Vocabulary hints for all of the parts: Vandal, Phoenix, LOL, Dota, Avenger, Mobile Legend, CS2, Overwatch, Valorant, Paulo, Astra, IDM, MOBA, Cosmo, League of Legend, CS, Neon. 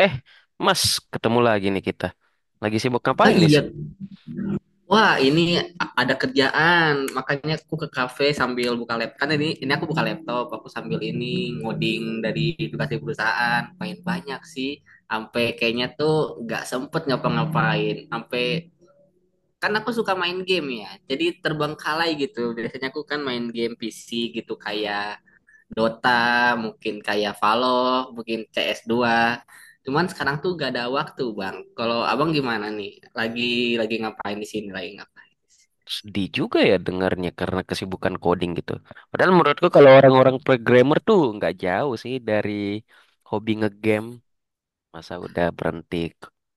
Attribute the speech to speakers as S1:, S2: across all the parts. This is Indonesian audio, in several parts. S1: Eh, Mas, ketemu lagi nih kita. Lagi sibuk
S2: Oh
S1: ngapain nih?
S2: iya, wah ini ada kerjaan, makanya aku ke kafe sambil buka laptop. Kan ini aku buka laptop, aku sambil ini ngoding dari tugas di perusahaan. Main banyak sih, sampai kayaknya tuh nggak sempet ngapa-ngapain. Sampai kan aku suka main game ya, jadi terbengkalai gitu. Biasanya aku kan main game PC gitu kayak Dota, mungkin kayak Valor, mungkin CS2. Cuman sekarang tuh gak ada waktu, Bang. Kalau Abang gimana nih? Lagi lagi ngapain di sini? Lagi ngapain di sini?
S1: Sedih juga ya dengarnya karena kesibukan coding gitu. Padahal menurutku kalau orang-orang programmer tuh nggak jauh sih dari hobi ngegame. Masa udah berhenti.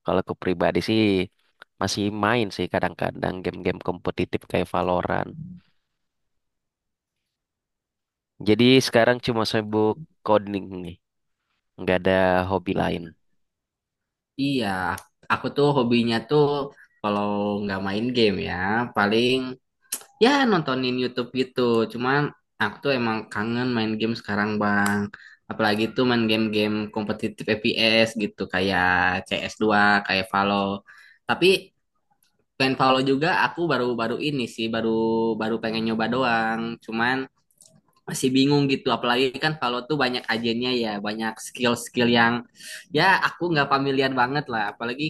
S1: Kalau aku pribadi sih masih main sih kadang-kadang game-game kompetitif kayak Valorant. Jadi sekarang cuma sibuk coding nih. Nggak ada hobi lain.
S2: Iya, iya, aku tuh hobinya tuh kalau nggak main game ya, paling ya nontonin YouTube gitu. Cuman aku tuh emang kangen main game sekarang, Bang. Apalagi tuh main game-game kompetitif FPS gitu kayak CS2, kayak Valor. Tapi selain Paulo juga aku baru-baru ini sih baru baru pengen nyoba doang. Cuman masih bingung gitu, apalagi kan Paulo tuh banyak agennya ya, banyak skill-skill yang ya aku nggak familiar banget lah. Apalagi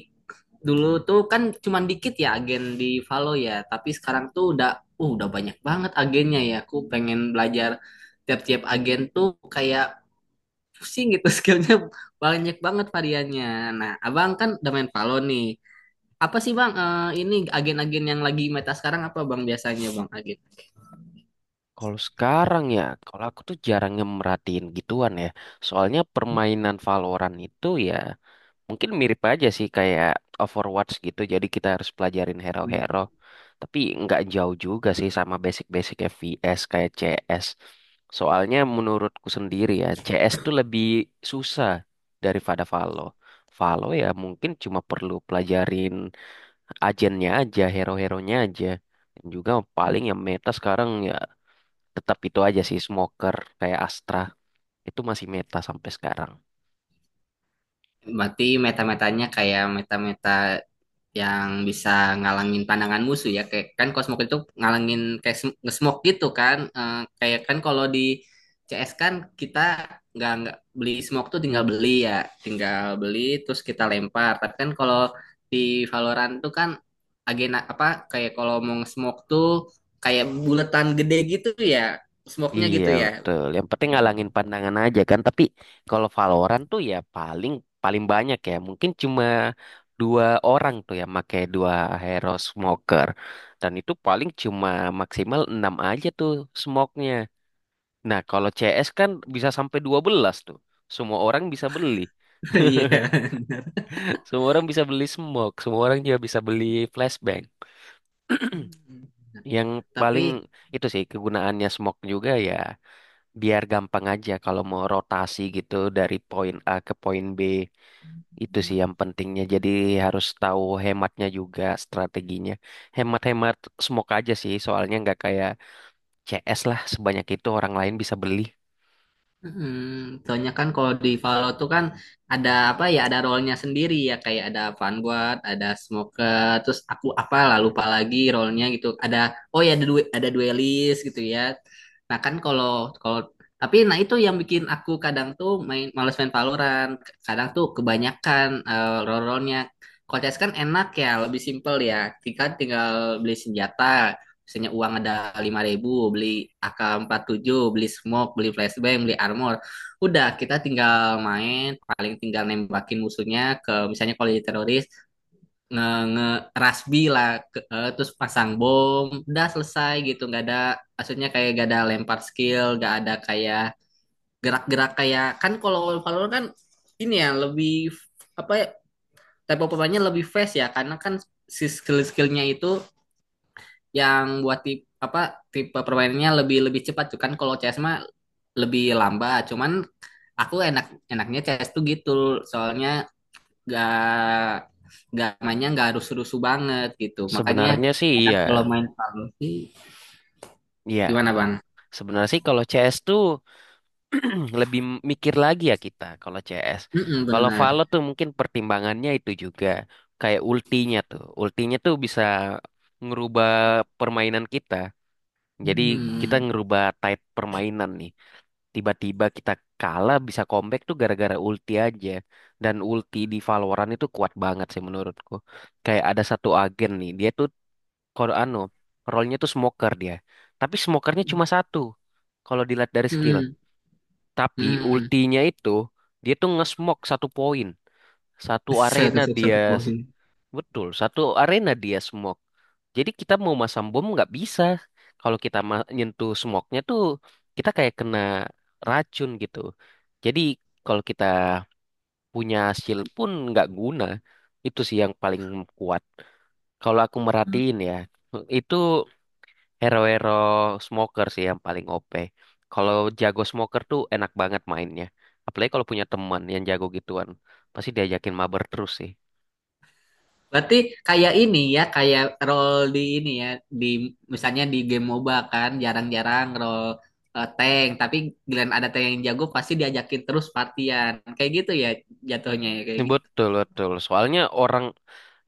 S2: dulu tuh kan cuman dikit ya agen di Valo ya, tapi sekarang tuh udah banyak banget agennya ya. Aku pengen belajar tiap-tiap agen tuh kayak pusing gitu skillnya banyak banget variannya. Nah, abang kan udah main Valo nih. Apa sih Bang, ini agen-agen yang lagi meta sekarang apa Bang biasanya Bang agen?
S1: Kalau sekarang ya, kalau aku tuh jarang merhatiin gituan ya. Soalnya permainan Valorant itu ya mungkin mirip aja sih kayak Overwatch gitu. Jadi kita harus pelajarin
S2: Hmm.
S1: hero-hero. Tapi nggak jauh juga sih sama basic-basic FPS kayak CS. Soalnya menurutku sendiri ya, CS tuh lebih susah daripada Valo. Valo ya mungkin cuma perlu pelajarin agennya aja, hero-heronya aja. Dan juga paling yang meta sekarang ya tetap itu aja sih smoker kayak Astra itu masih meta sampai sekarang.
S2: Berarti meta-metanya kayak meta-meta yang bisa ngalangin pandangan musuh ya. Kayak kan Cosmo itu ngalangin kayak nge-smoke gitu kan. Eh, kayak kan kalau di CS kan kita nggak beli smoke tuh tinggal beli ya, tinggal beli terus kita lempar. Tapi kan kalau di Valorant tuh kan agena apa kayak kalau mau nge-smoke tuh kayak buletan gede gitu ya, smoke-nya
S1: Iya
S2: gitu ya.
S1: betul. Yang penting ngalangin pandangan aja kan. Tapi kalau Valorant tuh ya paling paling banyak ya. Mungkin cuma dua orang tuh ya pakai dua hero smoker. Dan itu paling cuma maksimal 6 aja tuh smoke-nya. Nah, kalau CS kan bisa sampai 12 tuh. Semua orang bisa beli.
S2: Iya.
S1: Semua orang bisa beli smoke, semua orang juga bisa beli flashbang. Yang paling
S2: Tapi,
S1: itu sih kegunaannya smoke juga ya biar gampang aja kalau mau rotasi gitu dari poin A ke poin B itu sih yang pentingnya. Jadi harus tahu hematnya juga strateginya. Hemat-hemat smoke aja sih soalnya nggak kayak CS lah sebanyak itu orang lain bisa beli.
S2: Soalnya kan kalau di Valor tuh kan ada apa ya, ada role-nya sendiri ya kayak ada Vanguard, ada Smoker, terus aku apa lah lupa lagi role-nya gitu. Ada, oh ya, ada duelist gitu ya. Nah kan kalau kalau tapi nah itu yang bikin aku kadang tuh main males main Valorant. Kadang tuh kebanyakan, role-role-nya. Kalau CS kan enak ya, lebih simpel ya. Tinggal tinggal beli senjata, misalnya uang ada 5.000, beli AK-47, beli smoke, beli flashbang, beli armor, udah kita tinggal main, paling tinggal nembakin musuhnya, ke misalnya kalau jadi teroris nge, nge rasbi lah, terus pasang bom udah selesai gitu, nggak ada, maksudnya kayak gak ada lempar skill, nggak ada kayak gerak-gerak, kayak kan kalau Valorant kan ini ya lebih apa ya, type of weaponnya lebih fast ya, karena kan si skill-skillnya itu yang buat tipe apa tipe permainannya lebih lebih cepat tuh. Kan kalau CS mah lebih lambat, cuman aku enak, enaknya CS tuh gitu soalnya gak gak mainnya gak harus rusuh banget gitu, makanya
S1: Sebenarnya sih
S2: kadang
S1: iya.
S2: kalau main Valor sih,
S1: Iya,
S2: gimana bang?
S1: sebenarnya sih kalau CS tuh lebih mikir lagi ya kita kalau CS.
S2: Mm,
S1: Kalau Valo
S2: benar.
S1: tuh mungkin pertimbangannya itu juga kayak ultinya tuh. Ultinya tuh bisa ngerubah permainan kita. Jadi kita
S2: Hmm.
S1: ngerubah type permainan nih. Tiba-tiba kita kalah bisa comeback tuh gara-gara ulti aja. Dan ulti di Valorant itu kuat banget sih menurutku. Kayak ada satu agen nih, dia tuh kalau anu, role-nya tuh smoker dia. Tapi smokernya cuma satu. Kalau dilihat dari skill.
S2: Hmm.
S1: Tapi
S2: Hmm.
S1: ultinya itu dia tuh nge-smoke satu poin, satu arena
S2: Seratus
S1: dia
S2: satu poin.
S1: betul, satu arena dia smoke. Jadi kita mau masang bom nggak bisa. Kalau kita ma- nyentuh smoke-nya tuh kita kayak kena racun gitu. Jadi kalau kita punya shield pun nggak guna. Itu sih yang paling kuat. Kalau aku merhatiin ya, itu hero-hero smoker sih yang paling OP. Kalau jago smoker tuh enak banget mainnya. Apalagi kalau punya teman yang jago gituan. Pasti diajakin mabar terus sih.
S2: Berarti kayak ini ya, kayak role di ini ya, di misalnya di game MOBA kan jarang-jarang role, tank, tapi giliran ada tank yang jago pasti diajakin terus partian. Kayak gitu ya, jatuhnya ya
S1: Ini
S2: kayak gitu.
S1: betul, betul. Soalnya orang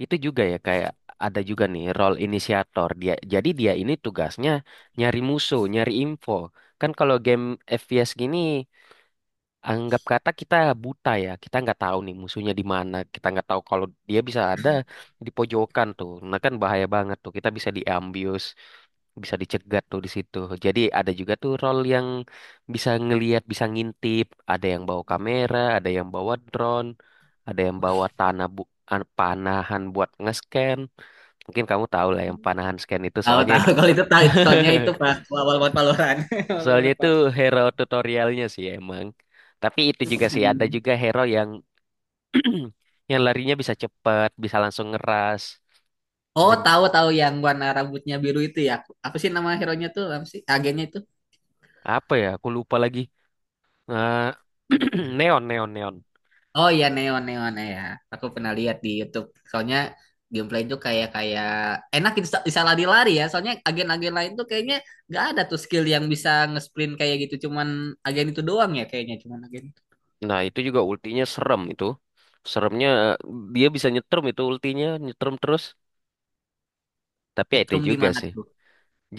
S1: itu juga ya kayak ada juga nih role inisiator. Dia, jadi dia ini tugasnya nyari musuh, nyari info. Kan kalau game FPS gini anggap kata kita buta ya, kita nggak tahu nih musuhnya di mana, kita nggak tahu kalau dia bisa ada di pojokan tuh, nah kan bahaya banget tuh, kita bisa diambius, bisa dicegat tuh di situ. Jadi ada juga tuh role yang bisa ngelihat, bisa ngintip, ada yang bawa kamera, ada yang bawa drone, ada yang bawa tanah bu an- panahan buat nge-scan. Mungkin kamu tahu lah yang panahan scan itu
S2: Tahu
S1: soalnya
S2: tahu kalau itu tahu, soalnya itu pas awal banget Valorant. Awal
S1: soalnya
S2: banget
S1: itu
S2: Pak.
S1: hero tutorialnya sih emang. Tapi itu juga sih ada
S2: Hmm.
S1: juga hero yang yang larinya bisa cepat, bisa langsung ngeras.
S2: Oh,
S1: Dan
S2: tahu tahu yang warna rambutnya biru itu ya. Apa sih nama hero-nya tuh? Apa sih agennya itu?
S1: apa ya? Aku lupa lagi. Nah, neon, neon, neon.
S2: Oh iya, Neon Neon ya. Aku pernah lihat di YouTube. Soalnya gameplay itu kayak kayak enak, bisa lari-lari ya. Soalnya agen-agen lain tuh kayaknya nggak ada tuh skill yang bisa nge-sprint kayak gitu. Cuman agen itu doang ya kayaknya. Cuman agen,
S1: Nah, itu juga ultinya serem itu. Seremnya eh, Dia bisa nyetrum itu ultinya, nyetrum terus. Tapi ya itu
S2: nyetrum
S1: juga
S2: gimana
S1: sih.
S2: tuh?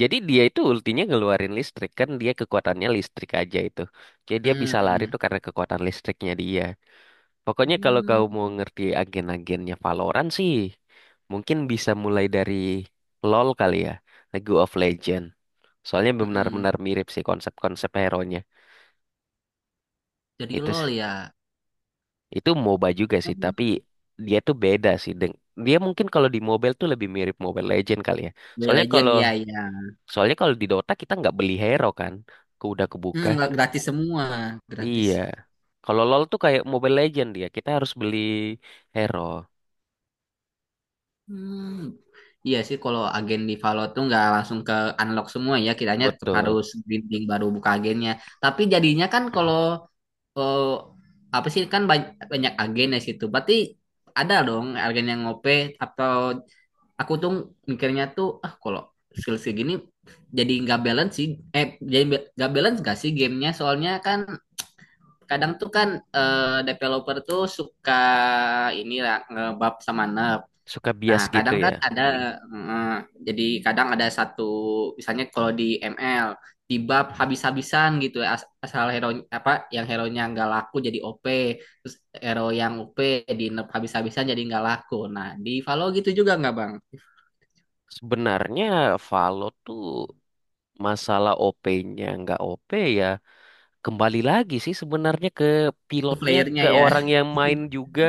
S1: Jadi dia itu ultinya ngeluarin listrik kan dia kekuatannya listrik aja itu. Jadi dia bisa lari
S2: Hmm.
S1: tuh karena kekuatan listriknya dia. Pokoknya kalau
S2: Hmm.
S1: kau mau ngerti agen-agennya Valorant sih, mungkin bisa mulai dari LoL kali ya, League of Legend. Soalnya
S2: Hmm.
S1: benar-benar mirip sih konsep-konsep hero-nya.
S2: Jadi
S1: Itu s-
S2: LOL ya.
S1: itu MOBA juga sih,
S2: Hmm.
S1: tapi dia tuh beda sih. Deng- Dia mungkin kalau di mobile tuh lebih mirip Mobile Legend kali ya.
S2: Mobile
S1: Soalnya
S2: Legend,
S1: kalau
S2: iya iya.
S1: soalnya kalau di Dota kita nggak beli hero kan, ke udah kebuka.
S2: Gratis semua, gratis.
S1: Iya. Kalau LoL tuh kayak Mobile Legend dia, kita harus beli hero.
S2: Hmm, Iya sih, kalau agen di Valo tuh nggak langsung ke unlock semua ya, kiranya tetap
S1: Betul,
S2: harus grinding baru buka agennya. Tapi jadinya kan kalau, eh, apa sih kan, banyak agen di situ. Berarti ada dong agen yang ngope, atau aku tuh mikirnya tuh ah kalau skill segini jadi nggak balance sih. Eh jadi nggak balance gak sih gamenya? Soalnya kan kadang tuh kan, developer tuh suka ini lah ngebab sama nerf.
S1: suka
S2: Nah,
S1: bias gitu
S2: kadang kan
S1: ya.
S2: ada,
S1: Hmm.
S2: eh, jadi kadang ada satu, misalnya kalau di ML, di bab habis-habisan gitu, asal hero apa yang hero-nya nggak laku jadi OP, terus hero yang OP di nerf habis-habisan jadi nggak laku. Nah, di Valo gitu juga nggak bang?
S1: Sebenarnya Valo tuh masalah OP-nya nggak OP ya. Kembali lagi sih sebenarnya ke
S2: Ke
S1: pilotnya,
S2: playernya
S1: ke
S2: ya,
S1: orang yang main juga.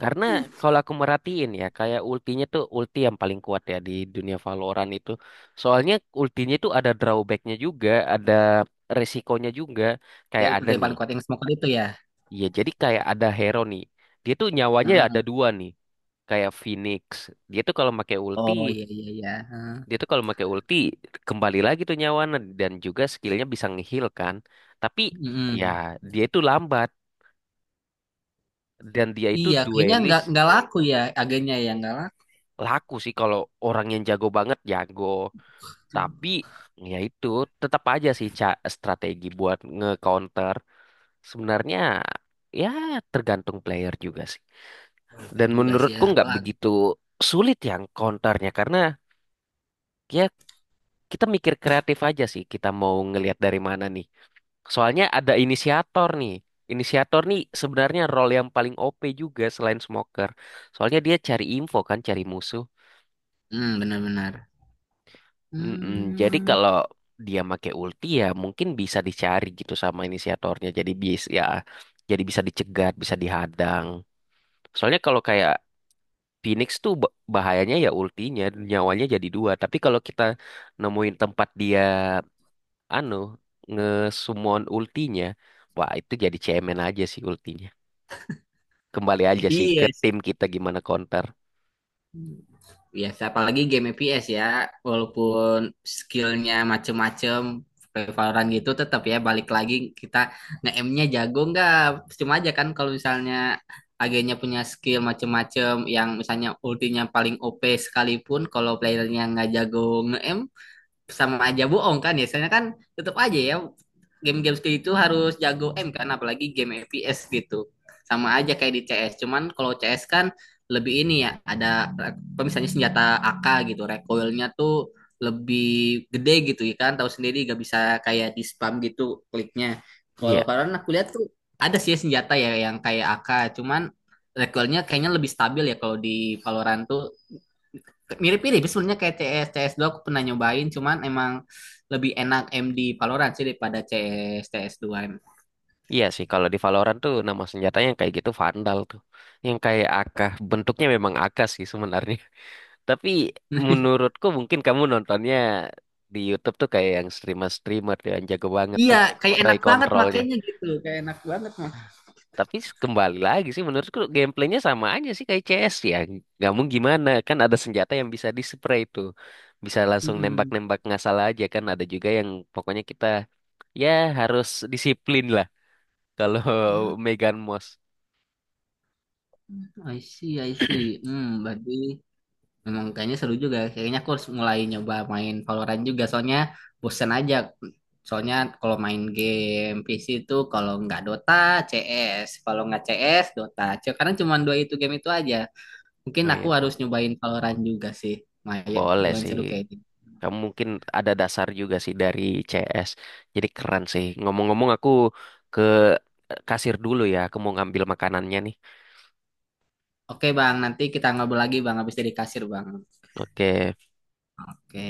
S1: Karena kalau aku merhatiin ya, kayak ultinya tuh ulti yang paling kuat ya di dunia Valorant itu. Soalnya ultinya tuh ada drawbacknya juga, ada resikonya juga.
S2: dia
S1: Kayak
S2: udah
S1: ada
S2: yang
S1: nih,
S2: paling kuat yang smoker itu ya.
S1: ya jadi kayak ada hero nih. Dia tuh nyawanya ada
S2: Heeh.
S1: dua nih. Kayak Phoenix. Dia tuh kalau pakai ulti
S2: Oh iya iya iya. Heeh.
S1: Dia tuh kalau pakai ulti kembali lagi tuh nyawana dan juga skillnya bisa ngeheal kan. Tapi ya
S2: Mm-mm.
S1: dia itu lambat dan dia itu
S2: Iya, kayaknya nggak
S1: duelis
S2: nggak laku ya agennya ya nggak laku.
S1: laku sih kalau orang yang jago banget jago. Tapi ya itu tetap aja sih ca- strategi buat nge-counter. Sebenarnya ya tergantung player juga sih.
S2: Bener
S1: Dan
S2: juga sih ya,
S1: menurutku nggak
S2: apalagi.
S1: begitu sulit yang counternya karena ya kita mikir kreatif aja sih kita mau ngelihat dari mana nih. Soalnya ada inisiator nih. Inisiator nih sebenarnya role yang paling OP juga selain smoker. Soalnya dia cari info kan, cari musuh.
S2: Benar-benar.
S1: Mm-mm. Jadi
S2: Hmm,
S1: kalau dia make ulti ya mungkin bisa dicari gitu sama inisiatornya. Jadi bis ya, jadi bisa dicegat, bisa dihadang. Soalnya kalau kayak Phoenix tuh ba- bahayanya ya ultinya, nyawanya jadi dua. Tapi kalau kita nemuin tempat dia anu nge-summon ultinya. Wah, itu jadi cemen aja sih ultinya. Kembali aja sih
S2: iya,
S1: ke tim kita gimana counter.
S2: biasa, apalagi game FPS ya, walaupun skillnya macem-macem, kayak Valorant gitu tetap ya balik lagi kita nge-aimnya jago nggak? Cuma aja kan kalau misalnya agennya punya skill macem-macem yang misalnya ultinya paling OP sekalipun, kalau playernya nggak jago nge-aim sama aja bohong kan ya. Soalnya kan tetap aja ya game-game seperti itu harus jago kan, apalagi game FPS gitu. Sama aja kayak di CS. Cuman kalau CS kan lebih ini ya, ada misalnya senjata AK gitu recoilnya tuh lebih gede gitu ya, kan tahu sendiri gak bisa kayak di spam gitu kliknya. Kalau
S1: Iya,
S2: Valorant aku lihat tuh ada sih senjata ya yang kayak AK cuman recoilnya kayaknya lebih stabil ya, kalau di Valorant tuh mirip-mirip sebenarnya kayak CS cs dua aku pernah nyobain, cuman emang lebih enak MD Valorant sih daripada CS2 emang.
S1: iya sih. Kalau di Valorant tuh nama senjatanya yang kayak gitu Vandal tuh. Yang kayak AK. Bentuknya memang AK sih sebenarnya. Tapi menurutku mungkin kamu nontonnya di YouTube tuh kayak yang streamer-streamer tuh yang jago banget
S2: Iya,
S1: tuh.
S2: kayak
S1: Spray
S2: enak banget
S1: controlnya.
S2: makanya gitu, kayak enak banget mah.
S1: Tapi s- kembali lagi sih menurutku gameplaynya sama aja sih kayak CS ya. Nggak mau gimana kan ada senjata yang bisa di spray itu. Bisa langsung
S2: Mm-mm.
S1: nembak-nembak nggak salah aja kan. Ada juga yang pokoknya kita ya harus disiplin lah kalau
S2: Ah,
S1: Megan Moss.
S2: I see, I see. Berarti memang kayaknya seru juga. Kayaknya aku harus mulai nyoba main Valorant juga soalnya bosen aja. Soalnya kalau main game PC itu, kalau nggak Dota, CS. Kalau nggak CS, Dota. Sekarang cuma dua itu game itu aja. Mungkin
S1: Oh
S2: aku
S1: iya,
S2: harus nyobain Valorant juga sih. Maya,
S1: boleh
S2: lumayan
S1: sih.
S2: seru kayaknya.
S1: Kamu mungkin ada dasar juga sih dari CS. Jadi keren sih. Ngomong-ngomong aku ke kasir dulu ya. Aku mau ngambil makanannya nih.
S2: Oke Bang, nanti kita ngobrol lagi Bang, habis dari kasir Bang.
S1: Oke.
S2: Oke.